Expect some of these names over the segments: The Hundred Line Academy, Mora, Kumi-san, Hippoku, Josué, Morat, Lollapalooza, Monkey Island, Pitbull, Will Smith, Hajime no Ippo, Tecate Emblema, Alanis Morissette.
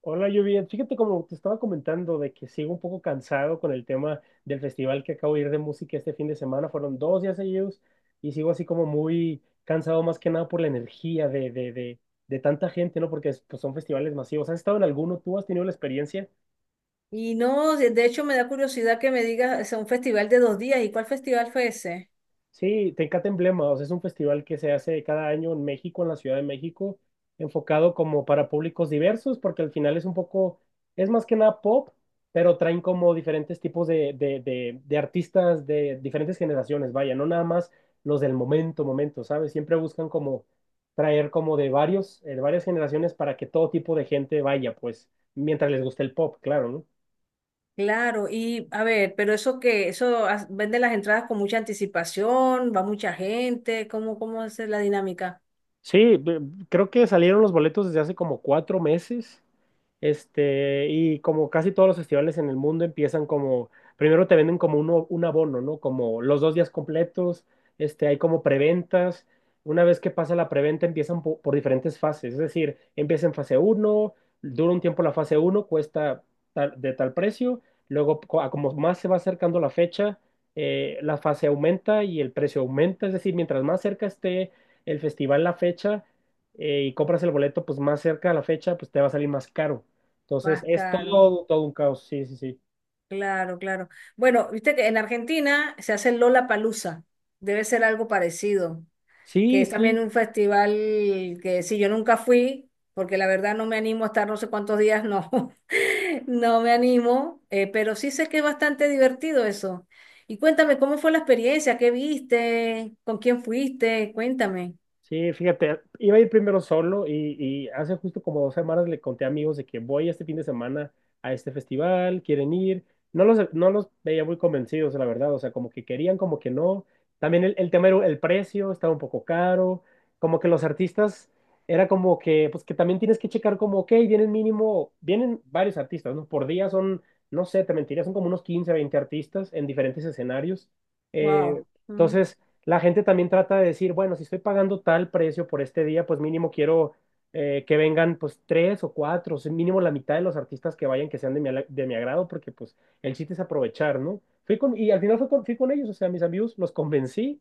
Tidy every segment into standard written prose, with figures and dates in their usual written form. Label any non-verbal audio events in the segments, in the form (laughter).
Hola, Lluvia. Fíjate como te estaba comentando de que sigo un poco cansado con el tema del festival que acabo de ir de música este fin de semana. Fueron 2 días seguidos y sigo así como muy cansado más que nada por la energía de tanta gente, ¿no? Porque pues, son festivales masivos. ¿Has estado en alguno? ¿Tú has tenido la experiencia? Y no, de hecho me da curiosidad que me digas, o sea, un festival de dos días, ¿y cuál festival fue ese? Sí, Tecate Emblema, o sea, es un festival que se hace cada año en México, en la Ciudad de México, enfocado como para públicos diversos, porque al final es un poco, es más que nada pop, pero traen como diferentes tipos de artistas de diferentes generaciones, vaya, no nada más los del momento, momento, ¿sabes? Siempre buscan como traer como de varios, de varias generaciones para que todo tipo de gente vaya, pues, mientras les guste el pop, claro, ¿no? Claro, y a ver, pero eso que, venden las entradas con mucha anticipación, va mucha gente, ¿ cómo es la dinámica? Sí, creo que salieron los boletos desde hace como 4 meses. Este, y como casi todos los festivales en el mundo empiezan como, primero te venden como un abono, ¿no? Como los 2 días completos, este, hay como preventas. Una vez que pasa la preventa empiezan por, diferentes fases, es decir, empieza en fase uno dura un tiempo la fase uno cuesta de tal precio, luego a como más se va acercando la fecha, la fase aumenta y el precio aumenta, es decir, mientras más cerca esté el festival la fecha, y compras el boleto, pues más cerca a la fecha, pues te va a salir más caro. Entonces, Más es caro, todo, todo un caos, sí, sí, sí. claro, claro. Bueno, viste que en Argentina se hace el Lollapalooza, debe ser algo parecido. Que Sí, es también sí. un festival que sí, yo nunca fui, porque la verdad no me animo a estar no sé cuántos días, no, (laughs) no me animo, pero sí sé que es bastante divertido eso. Y cuéntame, ¿cómo fue la experiencia? ¿Qué viste? ¿Con quién fuiste? Cuéntame. Sí, fíjate, iba a ir primero solo y hace justo como 2 semanas le conté a amigos de que voy este fin de semana a este festival, quieren ir. No los veía muy convencidos, la verdad, o sea, como que querían, como que no. También el tema era el precio, estaba un poco caro, como que los artistas era como que, pues que también tienes que checar como, ok, vienen mínimo, vienen varios artistas, ¿no? Por día son, no sé, te mentiría, son como unos 15, 20 artistas en diferentes escenarios. Eh, Wow. entonces la gente también trata de decir, bueno, si estoy pagando tal precio por este día, pues mínimo quiero, que vengan pues tres o cuatro, o sea, mínimo la mitad de los artistas que vayan que sean de mi, de mi agrado, porque pues el chiste es aprovechar, ¿no? Y al final fui con ellos, o sea, mis amigos los convencí,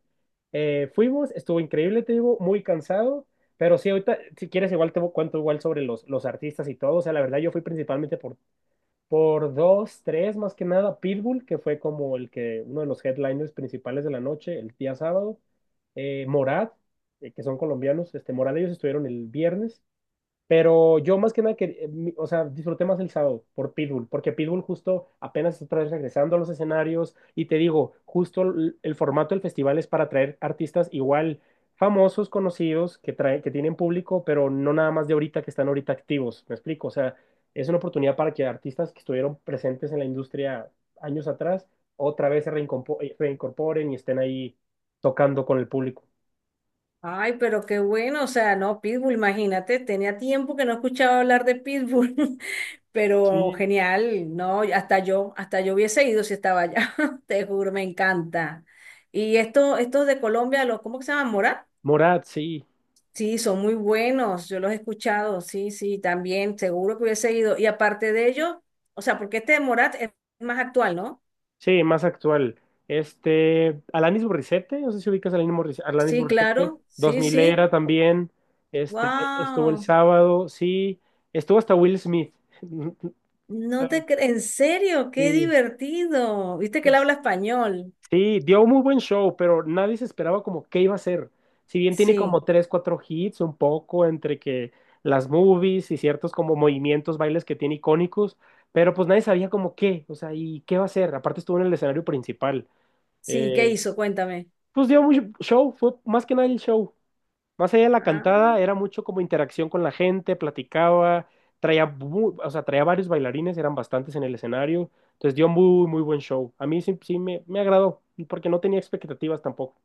fuimos, estuvo increíble, te digo, muy cansado, pero sí, ahorita, si quieres, igual te cuento igual sobre los artistas y todo, o sea, la verdad yo fui principalmente por dos, tres, más que nada, Pitbull, que fue como el que, uno de los headliners principales de la noche, el día sábado. Morat, que son colombianos, este, Morat ellos estuvieron el viernes. Pero yo más que nada, que, o sea, disfruté más el sábado por Pitbull, porque Pitbull justo apenas está otra vez regresando a los escenarios y te digo, justo el formato del festival es para traer artistas igual famosos, conocidos, que, trae, que tienen público, pero no nada más de ahorita que están ahorita activos, ¿me explico? O sea, es una oportunidad para que artistas que estuvieron presentes en la industria años atrás otra vez se reincorporen y estén ahí tocando con el público. Ay, pero qué bueno, o sea, no, Pitbull, imagínate, tenía tiempo que no escuchaba hablar de Pitbull, (laughs) pero Sí, genial, no, hasta yo hubiese ido si estaba allá, (laughs) te juro, me encanta. Y esto, estos de Colombia, los, ¿cómo que se llaman? ¿Mora? Morat, sí. Sí, son muy buenos, yo los he escuchado, sí, sí, también, seguro que hubiese ido. Y aparte de ello, o sea, porque este de Morat es más actual, ¿no? Sí, más actual. Este, Alanis Morissette, no sé si ubicas a Alanis Sí, Morissette, claro, Dos sí, mil sí, era también, este, estuvo el wow. sábado, sí, estuvo hasta Will Smith. (laughs) No te cre- En serio, qué Sí, divertido. Viste que él es- habla español. sí, dio un muy buen show, pero nadie se esperaba como qué iba a ser. Si bien tiene Sí, como tres, cuatro hits, un poco entre que las movies y ciertos como movimientos, bailes que tiene icónicos, pero pues nadie sabía como qué, o sea, y qué va a ser. Aparte estuvo en el escenario principal. sí, ¿qué eh, hizo? Cuéntame. Pues dio mucho show, fue más que nada el show. Más allá de la Ah, cantada, era mucho como interacción con la gente, platicaba, traía, o sea, traía varios bailarines, eran bastantes en el escenario. Entonces dio muy, muy buen show. A mí sí, sí me agradó, porque no tenía expectativas tampoco.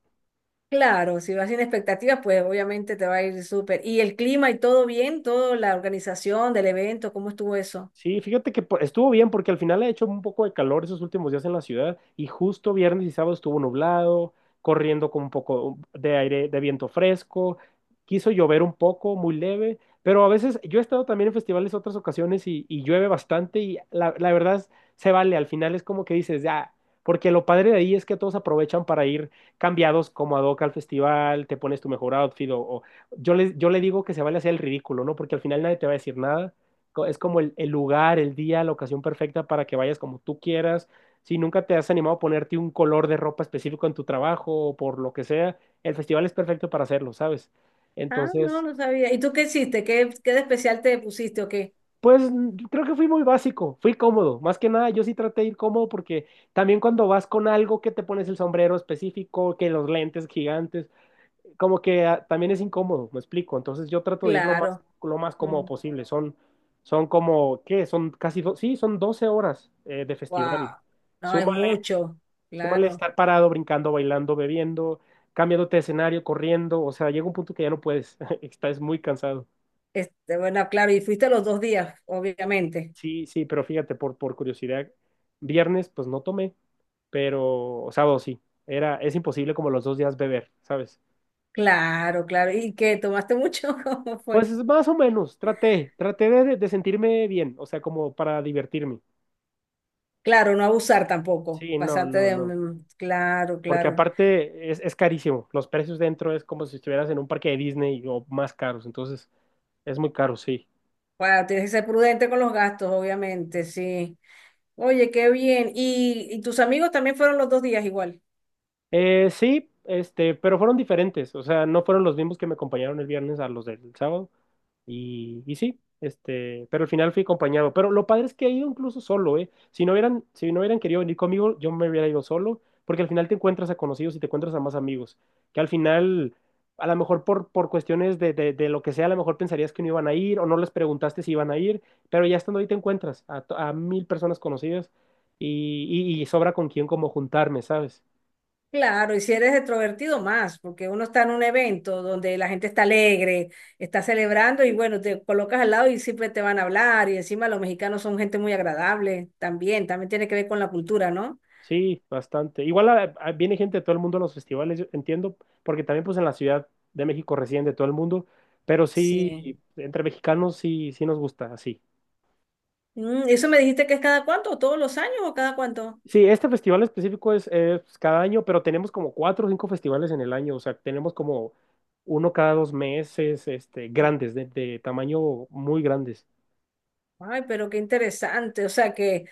claro, si vas sin expectativas, pues obviamente te va a ir súper. ¿Y el clima y todo bien? ¿Toda la organización del evento? ¿Cómo estuvo eso? Sí, fíjate que estuvo bien porque al final ha hecho un poco de calor esos últimos días en la ciudad y justo viernes y sábado estuvo nublado, corriendo con un poco de aire, de viento fresco, quiso llover un poco, muy leve, pero a veces yo he estado también en festivales otras ocasiones y llueve bastante y la verdad se vale, al final es como que dices, ya, porque lo padre de ahí es que todos aprovechan para ir cambiados como ad hoc al festival, te pones tu mejor outfit yo le digo que se vale hacer el ridículo, ¿no? Porque al final nadie te va a decir nada, es como el lugar, el día, la ocasión perfecta para que vayas como tú quieras. Si nunca te has animado a ponerte un color de ropa específico en tu trabajo o por lo que sea, el festival es perfecto para hacerlo, ¿sabes? Ah, no, Entonces, no sabía. ¿Y tú qué hiciste? ¿Qué, qué de especial te pusiste o qué? pues creo que fui muy básico, fui cómodo. Más que nada, yo sí traté de ir cómodo porque también cuando vas con algo que te pones el sombrero específico, que los lentes gigantes, como que también es incómodo, me explico. Entonces yo trato de ir Claro. lo más cómodo posible. Son como, ¿qué? Son casi, sí, son 12 horas de festival. Wow. No, es Súmale, mucho. súmale Claro. estar parado, brincando, bailando, bebiendo, cambiándote de escenario, corriendo. O sea, llega un punto que ya no puedes, (laughs) estás muy cansado. Este, bueno, claro, y fuiste los dos días, obviamente. Sí, sí, pero fíjate, por curiosidad, viernes pues no tomé, pero sábado sí. Es imposible como los dos días beber, ¿sabes? Claro, claro. ¿Y qué? ¿Tomaste mucho? (laughs) ¿Cómo fue? Pues más o menos, traté de sentirme bien, o sea, como para divertirme. Claro, no abusar tampoco, Sí, no, pasarte no, de... no. Claro, Porque claro. aparte es carísimo. Los precios dentro es como si estuvieras en un parque de Disney o más caros. Entonces, es muy caro, sí. Bueno, tienes que ser prudente con los gastos, obviamente, sí. Oye, qué bien. Y tus amigos también fueron los dos días igual? Sí, este, pero fueron diferentes, o sea, no fueron los mismos que me acompañaron el viernes a los del sábado. Y sí, este, pero al final fui acompañado. Pero lo padre es que he ido incluso solo, ¿eh? Si no hubieran querido venir conmigo, yo me hubiera ido solo, porque al final te encuentras a conocidos y te encuentras a más amigos, que al final, a lo mejor por cuestiones de lo que sea, a lo mejor pensarías que no iban a ir o no les preguntaste si iban a ir, pero ya estando ahí te encuentras a, a 1000 personas conocidas y, y sobra con quién como juntarme, ¿sabes? Claro, y si eres extrovertido más, porque uno está en un evento donde la gente está alegre, está celebrando y bueno, te colocas al lado y siempre te van a hablar y encima los mexicanos son gente muy agradable también, también tiene que ver con la cultura, ¿no? Sí, bastante. Igual viene gente de todo el mundo a los festivales, yo entiendo, porque también pues en la Ciudad de México residen de todo el mundo, pero sí, Sí. entre mexicanos sí, sí nos gusta, así. Mm, ¿eso me dijiste que es cada cuánto? ¿Todos los años o cada cuánto? Sí, este festival específico es pues, cada año, pero tenemos como cuatro o cinco festivales en el año, o sea, tenemos como uno cada 2 meses, este, grandes, de tamaño muy grandes. Ay, pero qué interesante. O sea que,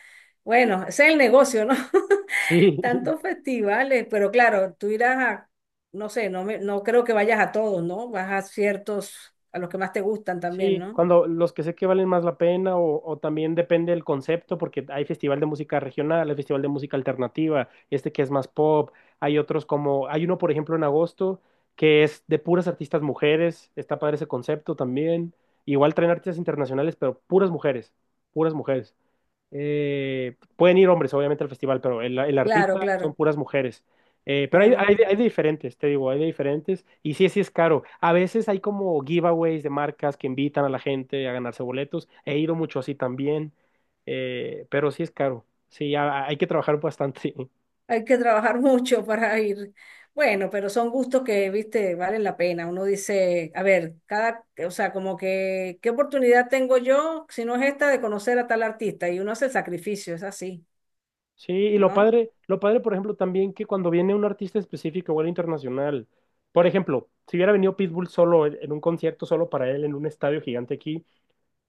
bueno, ese es el negocio, ¿no? (laughs) Sí, (laughs) Tantos festivales, pero claro, tú irás a, no sé, no creo que vayas a todos, ¿no? Vas a ciertos, a los que más te gustan también, Sí, ¿no? cuando los que sé que valen más la pena o también depende del concepto, porque hay festival de música regional, hay festival de música alternativa, este que es más pop, hay otros como, hay uno por ejemplo en agosto que es de puras artistas mujeres, está padre ese concepto también, igual traen artistas internacionales, pero puras mujeres, puras mujeres. Pueden ir hombres, obviamente, al festival, pero el Claro, artista son claro. puras mujeres. Pero hay, hay Pura- de hay de diferentes, te digo, hay de diferentes. Y sí, sí es caro. A veces hay como giveaways de marcas que invitan a la gente a ganarse boletos. He ido mucho así también, pero sí es caro. Sí, hay que trabajar bastante. (laughs) hay que trabajar (laughs) mucho para ir. Bueno, pero son gustos que, viste, valen la pena. Uno dice, a ver, cada, o sea, como que, ¿qué oportunidad tengo yo, si no es esta, de conocer a tal artista? Y uno hace el sacrificio, es así, Sí, y ¿no? Lo padre, por ejemplo, también que cuando viene un artista específico o el internacional, por ejemplo, si hubiera venido Pitbull solo en un concierto solo para él en un estadio gigante aquí,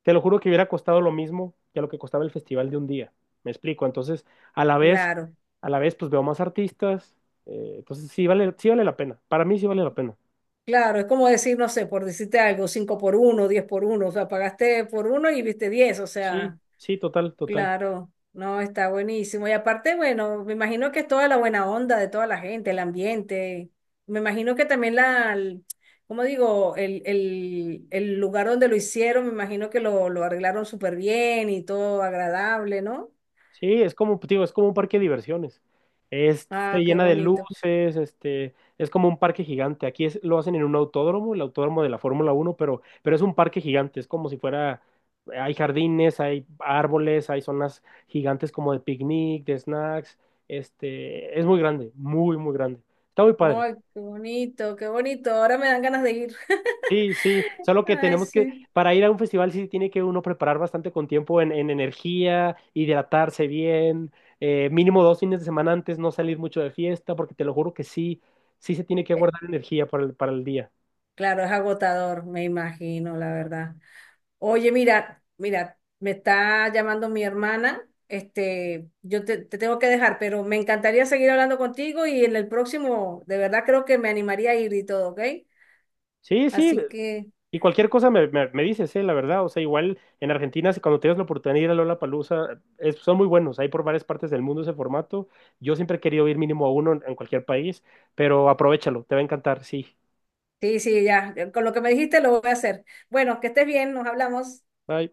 te lo juro que hubiera costado lo mismo que lo que costaba el festival de un día. Me explico. Entonces, a la vez, Claro. a la vez, pues veo más artistas. Entonces, sí vale, sí vale la pena. Para mí sí vale la pena. Claro, es como decir, no sé, por decirte algo, 5 por 1, 10 por 1. O sea, pagaste por uno y viste 10. O Sí, sea, sí, total, total. claro, no, está buenísimo. Y aparte, bueno, me imagino que es toda la buena onda de toda la gente, el ambiente, me imagino que también ¿cómo digo? El lugar donde lo hicieron, me imagino que lo arreglaron súper bien y todo agradable, ¿no? Sí, es como, digo, es como un parque de diversiones. Se Ah, qué llena de bonito. luces, este, es como un parque gigante. Aquí es, lo hacen en un autódromo, el autódromo de la Fórmula Uno, pero es un parque gigante, es como si fuera, hay jardines, hay árboles, hay zonas gigantes como de picnic, de snacks, este, es muy grande, muy, muy grande. Está muy padre. Ay, qué bonito, qué bonito. Ahora me dan ganas de ir. Sí, sí, (laughs) solo que Ay, tenemos que, sí. para ir a un festival sí tiene que uno preparar bastante con tiempo en energía, hidratarse bien, Mínimo 2 fines de semana antes, no salir mucho de fiesta, porque te lo juro que sí, sí se tiene que guardar energía para el día. Claro, es agotador, me imagino, la verdad. Oye, mira, mira, me está llamando mi hermana. Este, te tengo que dejar, pero me encantaría seguir hablando contigo y en el próximo, de verdad creo que me animaría a ir y todo, ¿ok? Sí, sí, Así que, y cualquier cosa me dices, la verdad, o sea, igual en Argentina, si cuando tienes la oportunidad de ir a Lollapalooza, son muy buenos, hay por varias partes del mundo ese formato, yo siempre he querido ir mínimo a uno en cualquier país, pero aprovéchalo, te va a encantar, sí. sí, sí, ya, con lo que me dijiste lo voy a hacer. Bueno, que estés bien, nos hablamos. Bye.